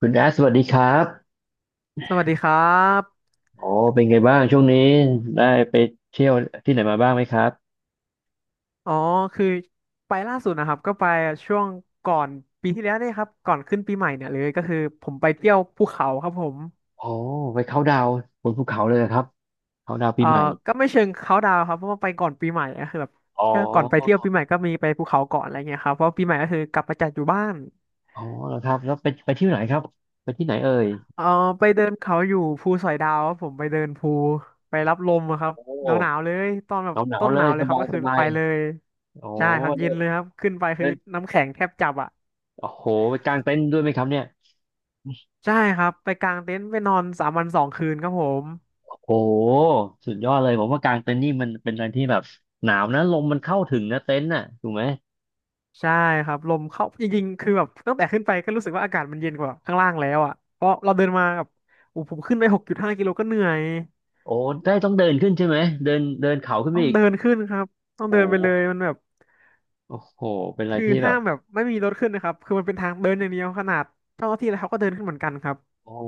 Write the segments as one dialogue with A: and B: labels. A: คุณแอสสวัสดีครับ
B: สวัสดีครับ
A: โอ้เป็นไงบ้างช่วงนี้ได้ไปเที่ยวที่ไหนมาบ้างไหมครับ
B: อ๋อคือไปล่าสุดนะครับก็ไปช่วงก่อนปีที่แล้วเนี่ยครับ ก่อนขึ้นปีใหม่เนี่ยเลยก็คือผมไปเที่ยวภูเขาครับผม
A: โอ้ไปเขาท์ดาวน์บนภูเขาเลยเหรอครับเขาท์ดาวน์ปี
B: เอ่อ
A: ใหม่
B: ก็ไม่เชิงเขาดาวครับเพราะว่าไปก่อนปีใหม่ก็คือแบบ
A: อ๋
B: ก็ก่อนไปเที่ยว
A: อ
B: ปีใหม่ก็มีไปภูเขาก่อนอะไรเงี้ยครับเพราะปีใหม่ก็คือกลับมาจัดอยู่บ้าน
A: อ๋อแล้วครับแล้วไปที่ไหนครับไปที่ไหนเอ่ย
B: เอ่อไปเดินเขาอยู่ภูสอยดาวครับผมไปเดินภูไปรับลมอะครับ
A: โอ้
B: หนาวๆเลยตอนแบ
A: ห
B: บ
A: นาวหนาว
B: ต้น
A: เล
B: หนา
A: ย
B: วเล
A: ส
B: ยครับ
A: บาย
B: ก็
A: ส
B: คือ
A: บา
B: ไป
A: ย
B: เลย
A: โอ้
B: ใช่ครับ
A: เดิ
B: เย็น
A: น
B: เลยครับขึ้นไป
A: เดิ
B: คือ
A: น
B: น้ำแข็งแทบจับอะ
A: โอ้โหไปกางเต็นท์ด้วยไหมครับเนี่ย
B: ใช่ครับไปกางเต็นท์ไปนอนสามวันสองคืนครับผม
A: โอ้โหสุดยอดเลยผมว่ากางเต็นท์นี่มันเป็นอะไรที่แบบหนาวนะลมมันเข้าถึงนะเต็นท์น่ะถูกไหม
B: ใช่ครับลมเข้าจริงๆคือแบบตั้งแต่ขึ้นไปก็รู้สึกว่าอากาศมันเย็นกว่าข้างล่างแล้วอ่ะเพราะเราเดินมากับโอ้ผมขึ้นไป6.5 กิโลก็เหนื่อย
A: โอ้ได้ต้องเดินขึ้นใช่ไหมเดินเดินเขาขึ้นไป
B: ต้อง
A: อีก
B: เดินขึ้นครับต้อง
A: โอ้
B: เดินไปเลยมันแบบ
A: โอ้โหเป็นอะไร
B: คือ
A: ที่แบ
B: ห้า
A: บ
B: มแบบไม่มีรถขึ้นนะครับคือมันเป็นทางเดินอย่างเดียวขนาดเจ้าหน้าที่แล้วเขาก็เดินขึ้นเหมือนกันครับ
A: โอ้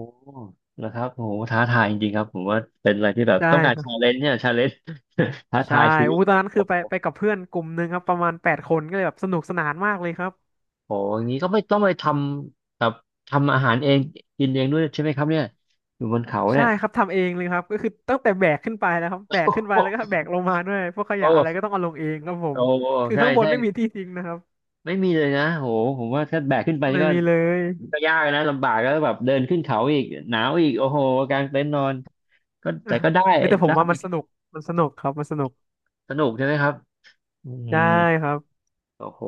A: นะครับโอ้โหท้าทายจริงๆครับผมว่าเป็นอะไรที่แบบ
B: ใช่
A: ต้องการ
B: ครั
A: ชาเล
B: บ
A: นจ์เนี่ยชาเลนจ์ ท้า
B: ใช่
A: ทายชีวิต
B: อู้ตอนนั้น
A: โอ
B: คือไป
A: ้
B: ไปกับเพื่อนกลุ่มหนึ่งครับประมาณแปดคนก็เลยแบบสนุกสนานมากเลยครับ
A: โหอย่างนี้ก็ไม่ต้องไปทำแบบทำอาหารเองกินเองด้วยใช่ไหมครับเนี่ยอยู่บนเขาเนี่
B: ใช่
A: ย
B: ครับทำเองเลยครับก็คือตั้งแต่แบกขึ้นไปนะครับแบกขึ้นไป
A: โอ
B: แล้วก็
A: ้
B: แบกลงมาด้วยพวกขยะอะไรก็
A: โอ้
B: ต้องเอาลงเองครับผ
A: โอ้
B: มคือ
A: ใช่
B: ข้างบน
A: ใช่
B: ไม่มีที่ทิ้งนะครับ
A: ไม่มีเลยนะโหผมว่าถ้าแบกขึ้นไปนี่
B: ไม่
A: ก็
B: มีเลย
A: ก็ยากนะลำบากแล้วแบบเดินขึ้นเขาอีกหนาวอีกโอ้โหกางเต็นท์นอนก็แต่ก็ ได้
B: เฮ้ยแต่ผม
A: ได้
B: ว่ามันสนุกมันสนุกครับมันสนุก
A: สนุกใช่ไหมครับอื
B: ใช่
A: ม
B: ครับ
A: โอ้โห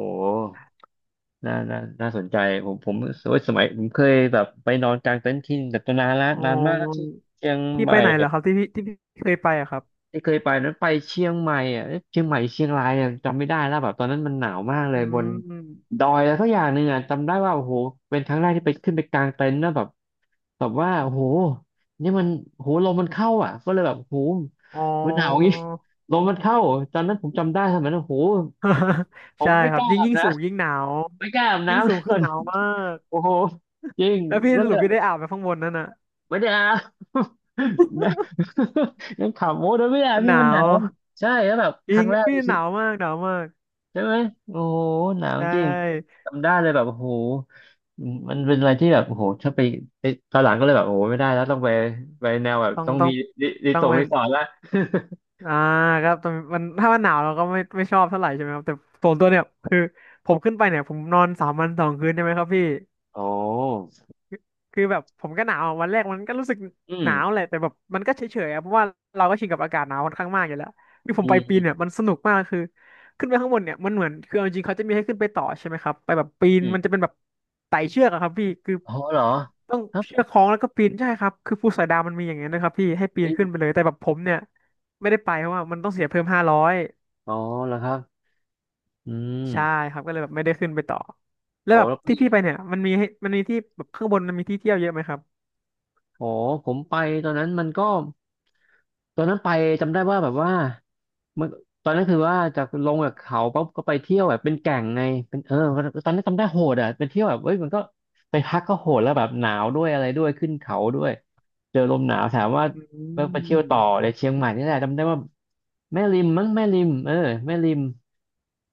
A: น่าสนใจผมโอ้ยสมัยผมเคยแบบไปนอนกลางเต็นท์ที่แต่นานแลว
B: อ๋อ
A: นานมากแล้วที่เชียง
B: พี่
A: ให
B: ไป
A: ม่
B: ไหนเหรอครับที่พี่เคยไปอะครับ
A: ที่เคยไปนั้นไปเชียงใหม่อ่ะเอ๊ะเชียงใหม่เชียงรายอ่ะจำไม่ได้แล้วแบบตอนนั้นมันหนาวมากเล
B: อื
A: ยบน
B: ม
A: ดอยแล้วสักอย่างหนึ่งอ่ะจำได้ว่าโอ้โหเป็นครั้งแรกที่ไปขึ้นไปกลางเต็นท์นะแบบแบบว่าโอ้โหนี่มันโอ้โหลมมันเข้าอ่ะก็เลยแบบโอ้โห
B: อ๋อ
A: มันหนาวอย่างงี้ ลมมันเข้าตอนนั้นผมจำได้สมัยนั้นโอ้โห ผ
B: ใช่
A: มไม่
B: ค
A: ก
B: รับ
A: ล้า
B: ยิ่ง
A: อาบ
B: ยิ่ง
A: นะ
B: สูงยิ่งหนาว
A: ไม่กล้าอาบ
B: ยิ่งสูง
A: น้ำเล
B: คือ
A: ย
B: หนาวมาก
A: โอ้โหจริง
B: แล้วพี่
A: ก็
B: ส
A: เล
B: รุ
A: ย
B: ป
A: แบ
B: พี่ได้
A: บ
B: อาบไปข้างบนนั่นน่ะ
A: ไม่ได้ อาบ นะยังขำโอ้โดนไม่ได้อาบ
B: มันห
A: นี่
B: นา
A: มันหนา
B: ว
A: วใช่แล้วแบบ
B: จ
A: ค
B: ริ
A: รั้
B: ง
A: ง
B: ค
A: แร
B: รับ
A: กใน
B: พี่
A: ชี
B: ห
A: วิต
B: นาวมากหนาวมาก
A: ใช่ไหมโอ้โหหนาว
B: ใช
A: จริง
B: ่
A: จำได้เลยแบบโอ้โหมันเป็นอะไรที่แบบโอ้โหถ้าไปไปตอนหลังก็เลยแบบโอ้โหไม่ได้แล้วต้องไปไปแนวแบบ
B: ต้อง
A: ต้อง
B: ต้อ
A: มี
B: ง
A: รีรี
B: ต้อ
A: ส
B: ง
A: อร์ท
B: เป็
A: รี
B: น
A: สอร์ทละ
B: อ่าครับต้องมันถ้ามันหนาวเราก็ไม่ชอบเท่าไหร่ใช่ไหมครับแต่ส่วนตัวเนี่ยคือผมขึ้นไปเนี่ยผมนอนสามวันสองคืนใช่ไหมครับพี่
A: โอ้
B: คือแบบผมก็หนาวอะวันแรกมันก็รู้สึก
A: อืม
B: หนาวแหละแต่แบบมันก็เฉยๆอะเพราะว่าเราก็ชินกับอากาศหนาวค่อนข้างมากอยู่แล้วคือผม
A: อื
B: ไปปีน
A: ม
B: เนี่ยมันสนุกมากคือขึ้นไปข้างบนเนี่ยมันเหมือนคือเอาจริงๆเขาจะมีให้ขึ้นไปต่อใช่ไหมครับไปแบบปีน
A: อื
B: มันจะ
A: ม
B: เป็นแบบไต่เชือกอะครับพี่คือ
A: โอ๋อเหรอ
B: ต้อง
A: ครับ
B: เชือกคล้องแล้วก็ปีนใช่ครับคือภูสอยดาวมันมีอย่างเงี้ยนะครับพี่ให้ปีนขึ้นไป
A: อ
B: เลยแต่แบบผมเนี่ยไม่ได้ไปเพราะว่ามันต้องเสียเพิ่ม500
A: อ๋อเหรอครับอื
B: ใช่
A: ม
B: ครับก็เลยแบบไม่ได้ขึ้นไปต่อแล้
A: โอ
B: วแบบ
A: แล้ว
B: ที่
A: พี่
B: พี่ไปเนี่ยมันมีให้มันมีที่แบบข้างบนมันมีที่เที่ยวเยอะไหมครับ
A: อ๋อผมไปตอนนั้นมันก็ตอนนั้นไปจำได้ว่าแบบว่ามันตอนนั้นคือว่าจากลงจากเขาปั๊บก็ไปเที่ยวแบบเป็นแก่งไงเป็นเออตอนนั้นจำได้โหดอ่ะเป็นเที่ยวแบบเอ้ยมันก็ไปพักก็โหดแล้วแบบหนาวด้วยอะไรด้วยขึ้นเขาด้วยเจอลมหนาวถามว่า
B: อื
A: ไปเที่ยวต่อ
B: ม
A: ในเชียงใหม่นี่แหละจำได้ว่าแม่ริมมั้งแม่ริมเออแม่ริม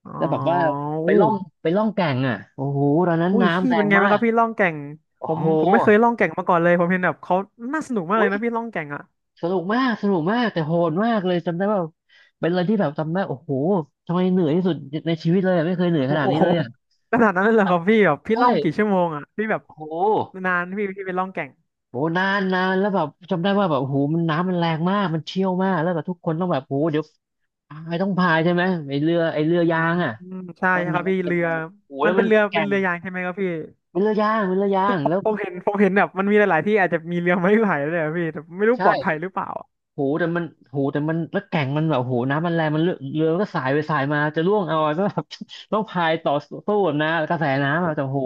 B: อ๋อ
A: แล้วแบบว่าไป
B: อู้
A: ล่องไปล่องแก่งอ่ะโอ้โหตอนนั้น
B: อุ้ย
A: น้ำ
B: พี่
A: แร
B: เป็น
A: ง
B: ไง
A: มา
B: บ้างค
A: ก
B: รับพี่ล่องแก่ง
A: โอ้
B: ผม
A: โห
B: ผมไม่เคยล่องแก่งมาก่อนเลยผมเห็นแบบเขาน่าสนุกมากเลยนะพี่ล่องแก่งอ่ะ
A: สนุกมากสนุกมากแต่โหดมากเลย จำได้ว่าเป็นอะไรที่แบบจำได้โอ้โหทำไมเหนื่อยที่สุดในชีวิตเลยอะไม่เคยเหนื่อยข
B: โอ้
A: นาดนี้
B: โห
A: เลยอ่ะ
B: ขนาดนั้นเลยเหรอครับพี่แบบพี่ล่องกี่
A: ใช่
B: ชั่วโมงอ่ะพี่แบบ
A: โอ้โห
B: นานพี่ไปล่องแก่ง
A: โหนานนานแล้วแบบจำได้ว่าแบบโอ้โหมันน้ำมันแรงมากมันเชี่ยวมากแล้วแบบทุกคนต้องแบบโอ้โหเดี๋ยวพายต้องพายใช่ไหมไอเรือ
B: อืม
A: ยางอ่ะ
B: อใช่
A: ต้อง
B: ครับพี่
A: น้ำเป็น
B: เรือ
A: โอ้โห
B: มั
A: แล้
B: น
A: ว
B: เป็
A: มั
B: น
A: น
B: เรือ
A: แก่
B: เป็น
A: ง
B: เรือยางใช่ไหมครับพี่
A: เป็นเรือยางแล้ว
B: ผมเห็นแบบมันมีหลายๆที่อาจจะมีเรือไม้ไผ่ด้วยอะพี่แต่ไม่รู้ป
A: ใช่
B: ลอดภัยหรือเปล่าอะ
A: โหแต่มันโหแต่มันแล้วแก่งมันแบบโหน้ำมันแรงมันเรือมันก็สายไปสายมาจะร่วงเอาอะก็แบบ ต้องพายต่อสู้แบบนะกระแสน้ำอะแต่โห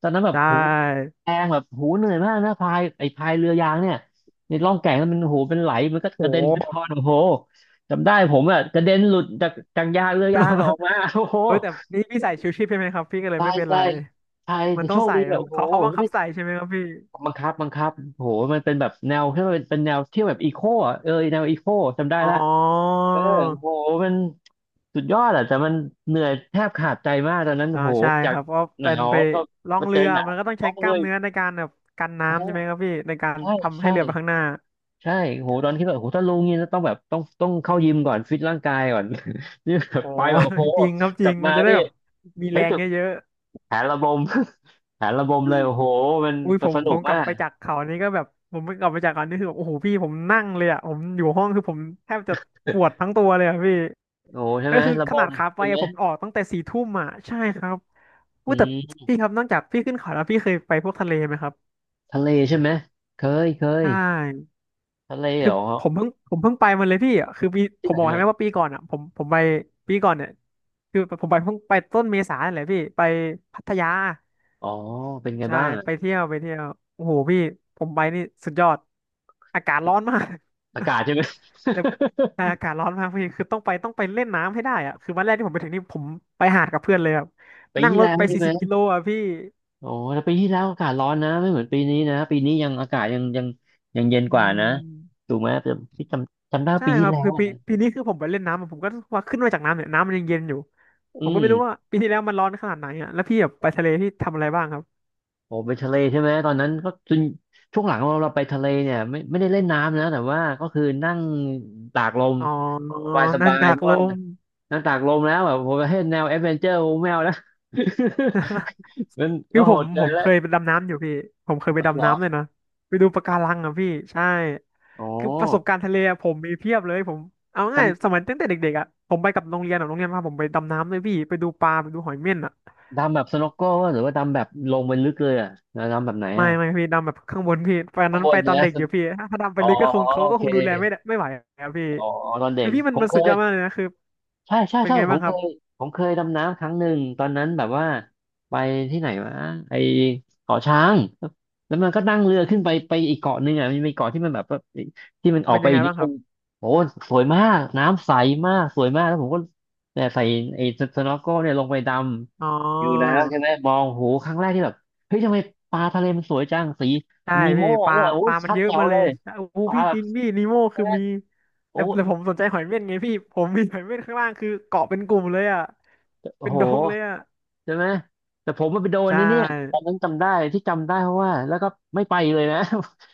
A: ตอนนั้นแบ
B: ใช
A: บโห
B: ่
A: แรงแบบโหเหนื่อยมากนะพายไอ้พายเรือยางเนี่ยในร่องแก่งนั้นมันโหเป็นไหลมันก็
B: โห
A: กระเด็นกระทอนโอ้โหจำได้ผมอะกระเด็นหลุดจากยางเรือยางอะออก มา โอ้โห
B: เออแต่นี่พี่ใส่ชูชีพใช่ไหมครับพี่ก็เลย
A: ใช่
B: ไม่เป็นไร
A: ใช่ใช่
B: มัน
A: แต่
B: ต้
A: โช
B: อง
A: ค
B: ใส่
A: ดีแบบ
B: มัน
A: โอ้โห
B: เขาเขาบังคั
A: ไม่
B: บใส่ใช่ไหมครับพี่
A: บังคับโอ้โหมันเป็นแบบแนวที่มันเป็นแนวเที่ยวแบบอีโคอะเออแนวอีโคจำได้
B: อ๋อ
A: ละ เออโหมันสุดยอดอะแต่มันเหนื่อยแทบขาดใจมากตอนนั้น
B: อ่า
A: โห
B: ใช่
A: จา
B: ค
A: ก
B: รับเพราะ
A: หนา
B: เป็น
A: ว
B: ไป
A: ก็
B: ล่อง
A: มาเจ
B: เรื
A: อ
B: อ
A: หนา
B: มั
A: ว
B: นก็ต้อง
A: ต้
B: ใช้
A: อง
B: ก
A: เล
B: ล้าม
A: ย
B: เนื้อในการแบบกัน
A: โอ้โห
B: น้ำใช่ไหมครับพี่ในการ
A: ใช่
B: ทำให้
A: ใช่
B: เรือไปข้างหน้า
A: ใช่โหตอนที่แบบโหถ้าลงนี่ต้องแบบต้องเข้ายิมก่อนฟิตร่างกายก่อน นี่แบบ
B: อ๋อ
A: ไปแบบโอ้โห
B: จริงครับจ
A: กลั
B: ริ
A: บ
B: งมั
A: มา
B: นจะได้
A: ที่
B: แบบมีแร
A: เฮ้ย
B: ง
A: จุด
B: เยอะ
A: แผนระบม แผนระบมเลยโอ้โหมัน
B: อุ้ยผม
A: สนุ
B: ผ
A: ก
B: มกลั
A: มา
B: บ
A: ก
B: ไปจากเขานี่ก็แบบผมกลับไปจากเขานี่คือแบบโอ้โหพี่ผมนั่งเลยอ่ะผมอยู่ห้องคือผมแทบจะปวดทั้งตัวเลยอ่ะพี่
A: โอ้โหใช่
B: ก็
A: ไหม
B: คือ
A: ระ
B: ข
A: บ
B: นาด
A: ม
B: ขาไป
A: ใช่ไหม
B: อะผมออกตั้งแต่4 ทุ่มอ่ะใช่ครับอุ้
A: อื
B: ยแต่
A: ม
B: พี่ครับนอกจากพี่ขึ้นเขาแล้วพี่เคยไปพวกทะเลไหมครับ
A: ทะเลใช่ไหม เคยเคย
B: ใช่
A: ทะเล
B: คื
A: เห
B: อ
A: รอ
B: ผมเพิ่งไปมาเลยพี่อะคือปีผ
A: ที่
B: ม
A: ไหน
B: บอกให้
A: มา
B: ไหมว่าปีก่อนอ่ะผมไปปีก่อนเนี่ยคือผมไปเพิ่งไปต้นเมษาเนี่ยแหละพี่ไปพัทยา
A: อ๋อเป็นไง
B: ใช่
A: บ้าง
B: ไปเที่ยวไปเที่ยวโอ้โหพี่ผมไปนี่สุดยอดอากาศร้อนมาก
A: อากาศใช่ไหม
B: แต่ใช่ อากาศร้อนมากพี่คือต้องไปเล่นน้ำให้ได้อะคือวันแรกที่ผมไปถึงนี่ผมไปหาดกับเพื่อนเลยครับ
A: ปี
B: นั่ง
A: ที่
B: รถ
A: แล้ว
B: ไป
A: ใช่
B: สี่
A: ไหม
B: สิบกิโลอ่ะพี่
A: โอ้แต่ปีที่แล้วอากาศร้อนนะไม่เหมือนปีนี้นะปีนี้ยังอากาศยังเย็น
B: อื
A: กว่านะ
B: ม
A: ถูกไหมแต่พี่จำได้
B: ใช่
A: ปี
B: ค
A: ที่
B: รับ
A: แล้ว
B: คือปี
A: อะ
B: ปีนี้คือผมไปเล่นน้ำอะผมก็ว่าขึ้นมาจากน้ำเนี่ยน้ำมันยังเย็นอยู่ผ
A: อื
B: มก็
A: ม
B: ไม่รู้ว่าปีที่แล้วมันร้อนขนาดไหนอ่ะแล้วพี่แบบไปทะเลพี่ทำอะไรบ้างครับ
A: โอ้ไปทะเลใช่ไหมตอนนั้นก็จนช่วงหลังเราไปทะเลเนี่ยไม่ได้เล่นน้ำนะแต่ว่าก็คือนั่งตากลม
B: อ๋อ
A: สบายส
B: นั่ง
A: บาย
B: ตา
A: เพ
B: ก
A: ราะ
B: ล
A: ว่า
B: ม
A: นั่งตากลมแล้วแบบผมให้แนวแอดเวนเจอร์โมแมวนะ มัน
B: คื
A: ก็
B: อ
A: โห
B: ผม
A: ดเกิ
B: ผ
A: น
B: มเค
A: แล้ว
B: ยไปดำน้ำอยู่พี่ผมเคยไป
A: เหร
B: ดำ
A: อ
B: น้ำเลยนะไปดูปะการังอ่ะพี่ใช่
A: อ๋อ
B: คือประสบการณ์ทะเลอะผมมีเพียบเลยผมเอาง่ายสมัยตั้งแต่เด็กๆอ่ะผมไปกับโรงเรียนอ่ะโรงเรียนพาผมไปดำน้ำเลยพี่ไปดูปลาไปดูหอยเม่นอ่ะ
A: ดำแบบสโนว์โก้หรือว่าดำแบบลงไปลึกเลยอ่ะแล้วดำแบบไหน
B: ไม่
A: อ่ะ
B: ไม่พี่ดำแบบข้างบนพี่ตอน
A: ข้าง
B: นั้น
A: บ
B: ไป
A: น
B: ต
A: เนี่
B: อน
A: ย
B: เด็กอยู่พี่ถ้าดำไป
A: อ๋อ
B: ลึกก็คงเขา
A: โอ
B: ก็ค
A: เค
B: งดูแลไม่ได้ไม่ไหวอ่ะพี่
A: อ๋อตอนเด็
B: พี่
A: ก
B: พี่มั
A: ผ
B: น
A: ม
B: มัน
A: เค
B: สุดย
A: ย
B: อดมากเลยนะคือ
A: ใช่ใช่
B: เป็น
A: ใช่
B: ไง
A: ผ
B: บ้า
A: ม
B: งค
A: เค
B: รับ
A: ยดำน้ำครั้งหนึ่งตอนนั้นแบบว่าไปที่ไหนวะไอเกาะช้างแล้วมันก็นั่งเรือขึ้นไปไปอีกเกาะหนึ่งอ่ะมันมีเกาะที่มันแบบว่าที่มันออก
B: เป็น
A: ไป
B: ยังไง
A: อีกนิ
B: บ้า
A: ด
B: งค
A: นึ
B: รับ
A: งโอ้สวยมากน้ำใสมากสวยมากแล้วผมก็เนี่ยใส่ไอ้สโนว์โก้เนี่ยลงไปด
B: อ๋อ
A: ำ อยู่แล้วใช่ไหมมองโหครั้งแรกที่แบบเฮ้ยทำไมปลาทะเลมันสวยจังสี
B: ใช่
A: นี
B: พี่
A: โม่
B: ปลา
A: เนี่ยโอ้
B: ป
A: ย
B: ลามัน
A: ชัด
B: เยอะ
A: แจ๋ว
B: มาเล
A: เล
B: ย
A: ย
B: โอ้โห
A: ปลา
B: พี่
A: แบบ
B: จินพี่นีโม่
A: ใช่
B: คือ
A: ไหม
B: มี
A: โอ้
B: แต่ผมสนใจหอยเม่นไงพี่ผมมีหอยเม่นข้างล่างคือเกาะเป็นกลุ่มเลยอ่ะ
A: โอ้
B: เป็น
A: โห
B: ดงเลยอ่ะ
A: ใช่ไหมแต่ผมมันไปโดน
B: ใช
A: นี่เนี่ยตอน
B: ่
A: นั้นจำได้ที่จำได้เพราะว่าแล้วก็ไม่ไปเลยนะ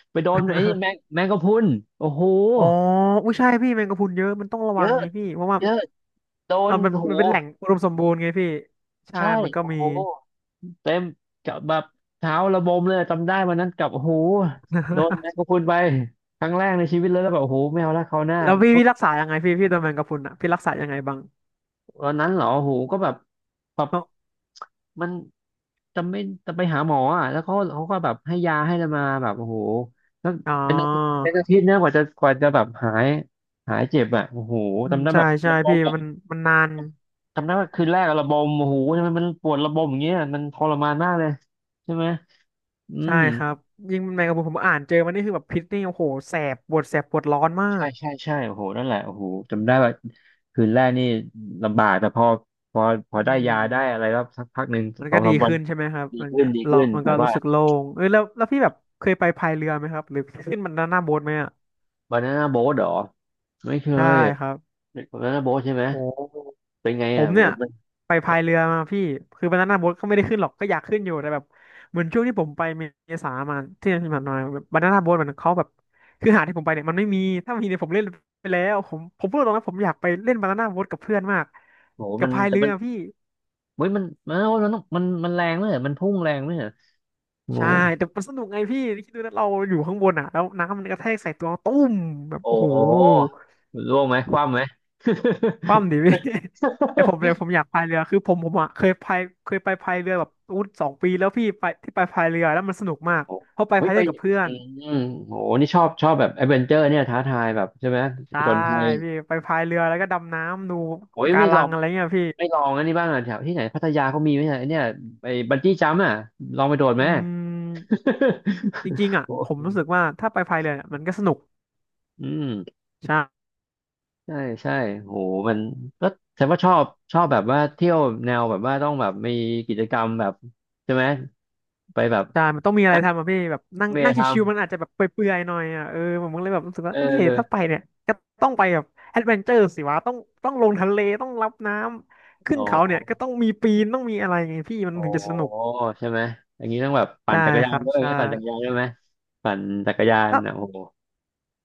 A: ไปโดนไอ้นี่แมง แมงกะพรุนโอ้โห
B: อ๋ออุ้ยใช่พี่แมงกะพรุนเยอะมันต้องระ
A: เย
B: วัง
A: อะ
B: ไงพี่เพราะว่า
A: เยอะโด
B: เรา
A: น
B: มัน
A: โอ้โห
B: มันเป็นแหล่งอุดมสมบูรณ์ไงพี่ใช่
A: ใช่
B: มันก็
A: โอ้
B: มี
A: โหเต็มกับแบบเท้าระบมเลยจำได้วันนั้นกับโอ้โหโดนแม งกะพรุนไปครั้งแรกในชีวิตเลยแล้วแบบโอ้โหไม่เอาละคราวหน้า
B: แล้วพี่รักษายังไงพี่โดนแมงกะพรุนอ่ะพี่รักษายังไงบ้าง
A: วันนั้นเหรอโหก็แบบแบบ
B: เนอะ
A: มันจะไม่จะไปหาหมออ่ะแล้วเขาก็แบบให้ยาให้อะไรมาแบบโอ้โหแล้ว
B: อ๋อ
A: เป็นอาทิตย์เป็นอาทิตย์นะกว่าจะแบบหายหายเจ็บอ่ะโอ้โห
B: อืม
A: จำได้แบ
B: ใช่
A: บ
B: ใช่
A: ระบม
B: พี่
A: อ่ะ
B: มันมันนาน
A: จำได้ว่าคืนแรกอะระบมโอ้โหทำไมมันปวดระบมอย่างเงี้ยมันทรมานมากเลยใช่ไหมอื
B: ใช่
A: ม
B: ครับยิ่งแมงกะพรุนผมอ่านเจอมันนี่คือแบบพิษนี่โอ้โหแสบปวดแสบปวดร้อนมา
A: ใช่
B: ก
A: ใช่ใช่โอ้โหนั่นแหละโอ้โหจำได้ว่าคืนแรกนี่ลำบากแต่พอพอ
B: อื
A: ได้ยา
B: ม
A: ได้อะไรก็สักพักหนึ่ง
B: มัน
A: สอ
B: ก็
A: งสา
B: ดี
A: มวัน
B: ขึ้นใช่ไหมครับ
A: ดี
B: มัน
A: ขึ้
B: ก็
A: นดีขึ้
B: เลาะ
A: น
B: มัน
A: แต่
B: ก็รู้
A: ว่า
B: สึกโล่งเออแล้วพี่แบบเคยไปพายเรือไหมครับหรือขึ้นมันด้านหน้าโบ๊ทไหมอ่ะ
A: บานาน่าโบ๊ทหรอไม่เค
B: ใช่
A: ย
B: ครับ
A: บานาน่าโบ๊ทใช่ไหม
B: โอ้
A: เป็นไง
B: ผ
A: อ่ะ
B: ม
A: โห
B: เนี่ย
A: มัน
B: ไป
A: เออ
B: พายเรือมาพี่ คือวันนั้นนะโบ๊ทก็ไม่ได้ขึ้นหรอกก็อยากขึ้นอยู่แต่แบบเหมือนช่วงที่ผมไปเมษามาที่ผ่านมาแบบบานาน่าโบ๊ทมันเขาแบบคือหาดที่ผมไปเนี่ยมันไม่มีถ้ามีเนี่ยผมเล่นไปแล้วผมพูดตรงนะผมอยากไปเล่นบานาน่าโบ๊ทกับเพื่อนมาก
A: โห
B: กั
A: มั
B: บ
A: น
B: พายเรือพี่
A: เฮ้ยมันต้องมันแรงไหมอะมันพุ่งแรงไหมอะโห
B: ใช่แต่มันสนุกไงพี่คิดดูนะเราอยู่ข้างบนอ่ะแล้วน้ำมันกระแทกใส่ตัวตุ้มแบบ
A: โอ้
B: โอ้โห
A: โหร่วงไหมคว่ำไหม
B: คว่ำดิพี่ แต่ผมเนี่ยผมอยากพายเรือคือผมอ่ะเคยพายเคยไปพายเรือแบบอู้2 ปีแล้วพี่ไปที่ไปพายเรือแล้วมันสนุก
A: โอ้
B: มา ก
A: โห
B: เพราะไป
A: เฮ้ย
B: พาย
A: ไป
B: เล่นกับเพื่อ
A: อื
B: น
A: มโหนี่ชอบชอบแบบแอดเวนเจอร์เนี่ยท้าทายแบบใช่ไหมผ
B: ใช่
A: จญภัย
B: พี่ไปพายเรือแล้วก็ดำน้ำดู
A: โอ้ย
B: ปะกา
A: ไม่ล
B: รั
A: อ
B: ง
A: ง
B: อะไรเงี้ยพี่
A: ไม่ลองอันนี้บ้างอ่ะแถวที่ไหนพัทยาเขามีไหมเนี่ยไอเนี่ยไอบันจี้จัมป์อ่ะลองไปโดดไห
B: อื
A: ม
B: มจริงๆ อ่ะ
A: โห
B: ผมรู้สึกว่าถ้าไปพายเรือเนี่ยมันก็สนุก
A: อืม
B: ใช่
A: ใช่ใช่โหมันก็แสดงว่าชอบชอบแบบว่าเที่ยวแนวแบบว่าต้องแบบมีกิจกรรมแบบใช่ไหมไปแบบ
B: ใช่มันต้องมีอะไรทำอ่ะพี่แบบนั่ง
A: เม
B: นั่ง
A: ท
B: ชิวๆมันอาจจะแบบเปื่อยๆหน่อยอ่ะเออผมก็เลยแบบรู้สึก
A: ำ
B: ว่า
A: เอ
B: เฮ้ยถ้าไป
A: อ
B: เนี่ยก็ต้องไปแบบแอดเวนเจอร์สิวะต้องลงทะเลต้องรับน้ำขึ้
A: อ๋อ
B: นเขาเนี่ยก็ต้องมีปีนต้องมีอะไรไงพี่มัน
A: อ๋อ
B: ถึงจะสนุก
A: ใช่ไหมอย่างนี้ต้องแบบปั่น
B: ใช่
A: จักร
B: ค
A: ยาน
B: รับ
A: ด้วยไห
B: ใช่
A: มปั่นจักรยาน
B: ก็
A: อ่ะโอ้โห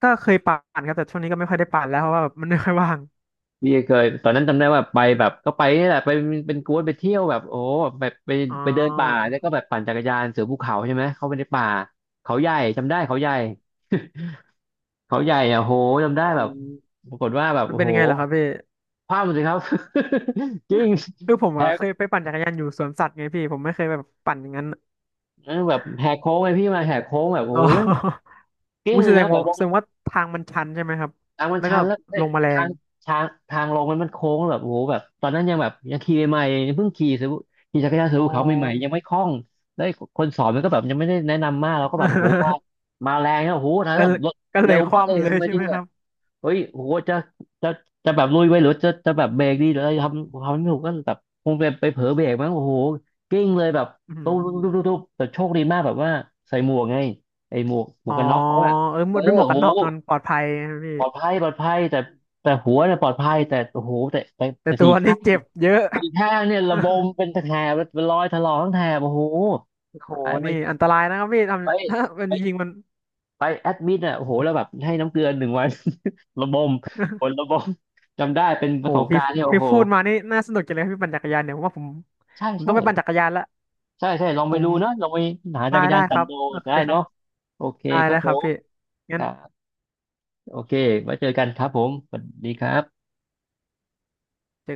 B: ก็เคยปั่นครับแต่ช่วงนี้ก็ไม่ค่อยได้ปั่นแล้วเพราะว่าแบบมันไม่ค่อยว่าง
A: พี่เคยตอนนั้นจำได้ว่าไปแบบก็ไปนี่แหละไปเป็นกวนไปเที่ยวแบบโอ้โหแบบไป
B: อ๋อ
A: ไปเดินป่าแล้วก็แบบปั่นจักรยานเสือภูเขาใช่ไหมเข้าไปในป่าเขาใหญ่จำได้เขาใหญ่ เขาใหญ่อะโหจำได้แบบปรากฏว่าแบบ
B: มัน
A: โอ้
B: เป็น
A: โห
B: ยังไงเหรอครับพี่
A: พลาดหมดเลยครับ จริง
B: คือผม
A: แห
B: อะ
A: ก
B: เคยไปปั่นจักรยานอยู่สวนสัตว์ไงพี่ผมไม่เคยแบบปั่นอย่างนั้น
A: เออแบบแหกโค้งไปพี่มาแหกโค้งแบบโอ้
B: อ๋อ
A: โหแม่งกิ้
B: อุ้
A: ง
B: ย
A: เล
B: แส
A: ย
B: ด
A: นะ
B: ง
A: แบ
B: ว่า
A: บล
B: แส
A: ง
B: ดงว่าทางมันชันใช่ไหมครับ
A: ทางมัน
B: แล้ว
A: ชั
B: ก็
A: นแล้วเอ้
B: ล
A: ย
B: งมาแร
A: ทา
B: ง
A: งทางลงมันโค้งแล้วแบบโอ้โหแบบตอนนั้นยังแบบยังขี่ใหม่ๆเพิ่งขี่ซื้อขี่จักรยานซื้อ
B: อ๋อ
A: ภูเขาใหม่ๆยังไม่คล่องแล้วคนสอนมันก็แบบยังไม่ได้แนะนำมากเราก็แบบโอ้โหมา มาแรงนะโอ้โหนะ
B: แล้ว
A: แบบรถ
B: ก็เล
A: เร็
B: ย
A: ว
B: ค
A: มากเลย
B: ว่ำเลย
A: ทำไง
B: ใช่
A: ดี
B: ไหมครับ
A: เฮ้ยโหจะจะจะแบบลุยไปหรือจะแบบเบรกดีหรืออะไรทำไม่ถูกก็แบบคงไปไปเผลอเบรกมั้งโอ้โหกิ้งเลยแบบ
B: อื
A: ตุ๊บตุ๊บตุ๊บตุ๊บ
B: ม
A: ตุ๊บแต่โชคดีมากแบบว่าใส่หมวกไงไอ้หมวกหม
B: อ๋
A: วก
B: อ
A: กันน็อกเขาอะ
B: เออห
A: เอ
B: ม
A: อ
B: ดไม่หมวก
A: โอ้
B: กั
A: โห
B: นน็อกมันปลอดภัยนะพี่
A: ปลอดภัยปลอดภัยแต่หัวเนี่ยปลอดภัยแต่โอ้โหแต่แต่
B: แต่
A: แต่
B: ตั
A: สี่
B: วนี่
A: ข้าง
B: เจ็บเยอะ
A: เนี่ยระบมเป็นแถบเป็นรอยถลอกทั้งแถบโอ้โห
B: โห
A: ตายไป
B: นี่อันตรายนะครับพี่ทำ ถ้ามันยิง
A: ไป
B: มัน
A: ไปแอดมิดอ่ะโอ้โหแล้วแบบให้น้ำเกลือหนึ่งวัน ระบมผล ระบมจำได้เป็นป
B: โห
A: ระสบ
B: พี่
A: การณ์เนี่ยโอ้
B: พี่
A: โห
B: พูดมานี่น่าสนุกจังเลยครับพี่ปั่นจักรยานเดี๋ยวผมว่าผม
A: ใช่
B: ผมต้
A: ใช่
B: องไปปั่นจักรยานละ
A: ใช่ใช่ลอง
B: ผ
A: ไป
B: ม
A: ดูเนาะลองไปหาจั
B: ได้
A: กรยา
B: ได้
A: น
B: ค
A: ปั่น
B: รับ
A: ดู
B: โอเค
A: ได้
B: ครับ
A: เนาะโอเค
B: ได้
A: ครั
B: ได้
A: บผ
B: ครับ
A: ม
B: พี่
A: ค
B: งั้น
A: รับโอเคไว้เจอกันครับผมสวัสดีครับ
B: เจอ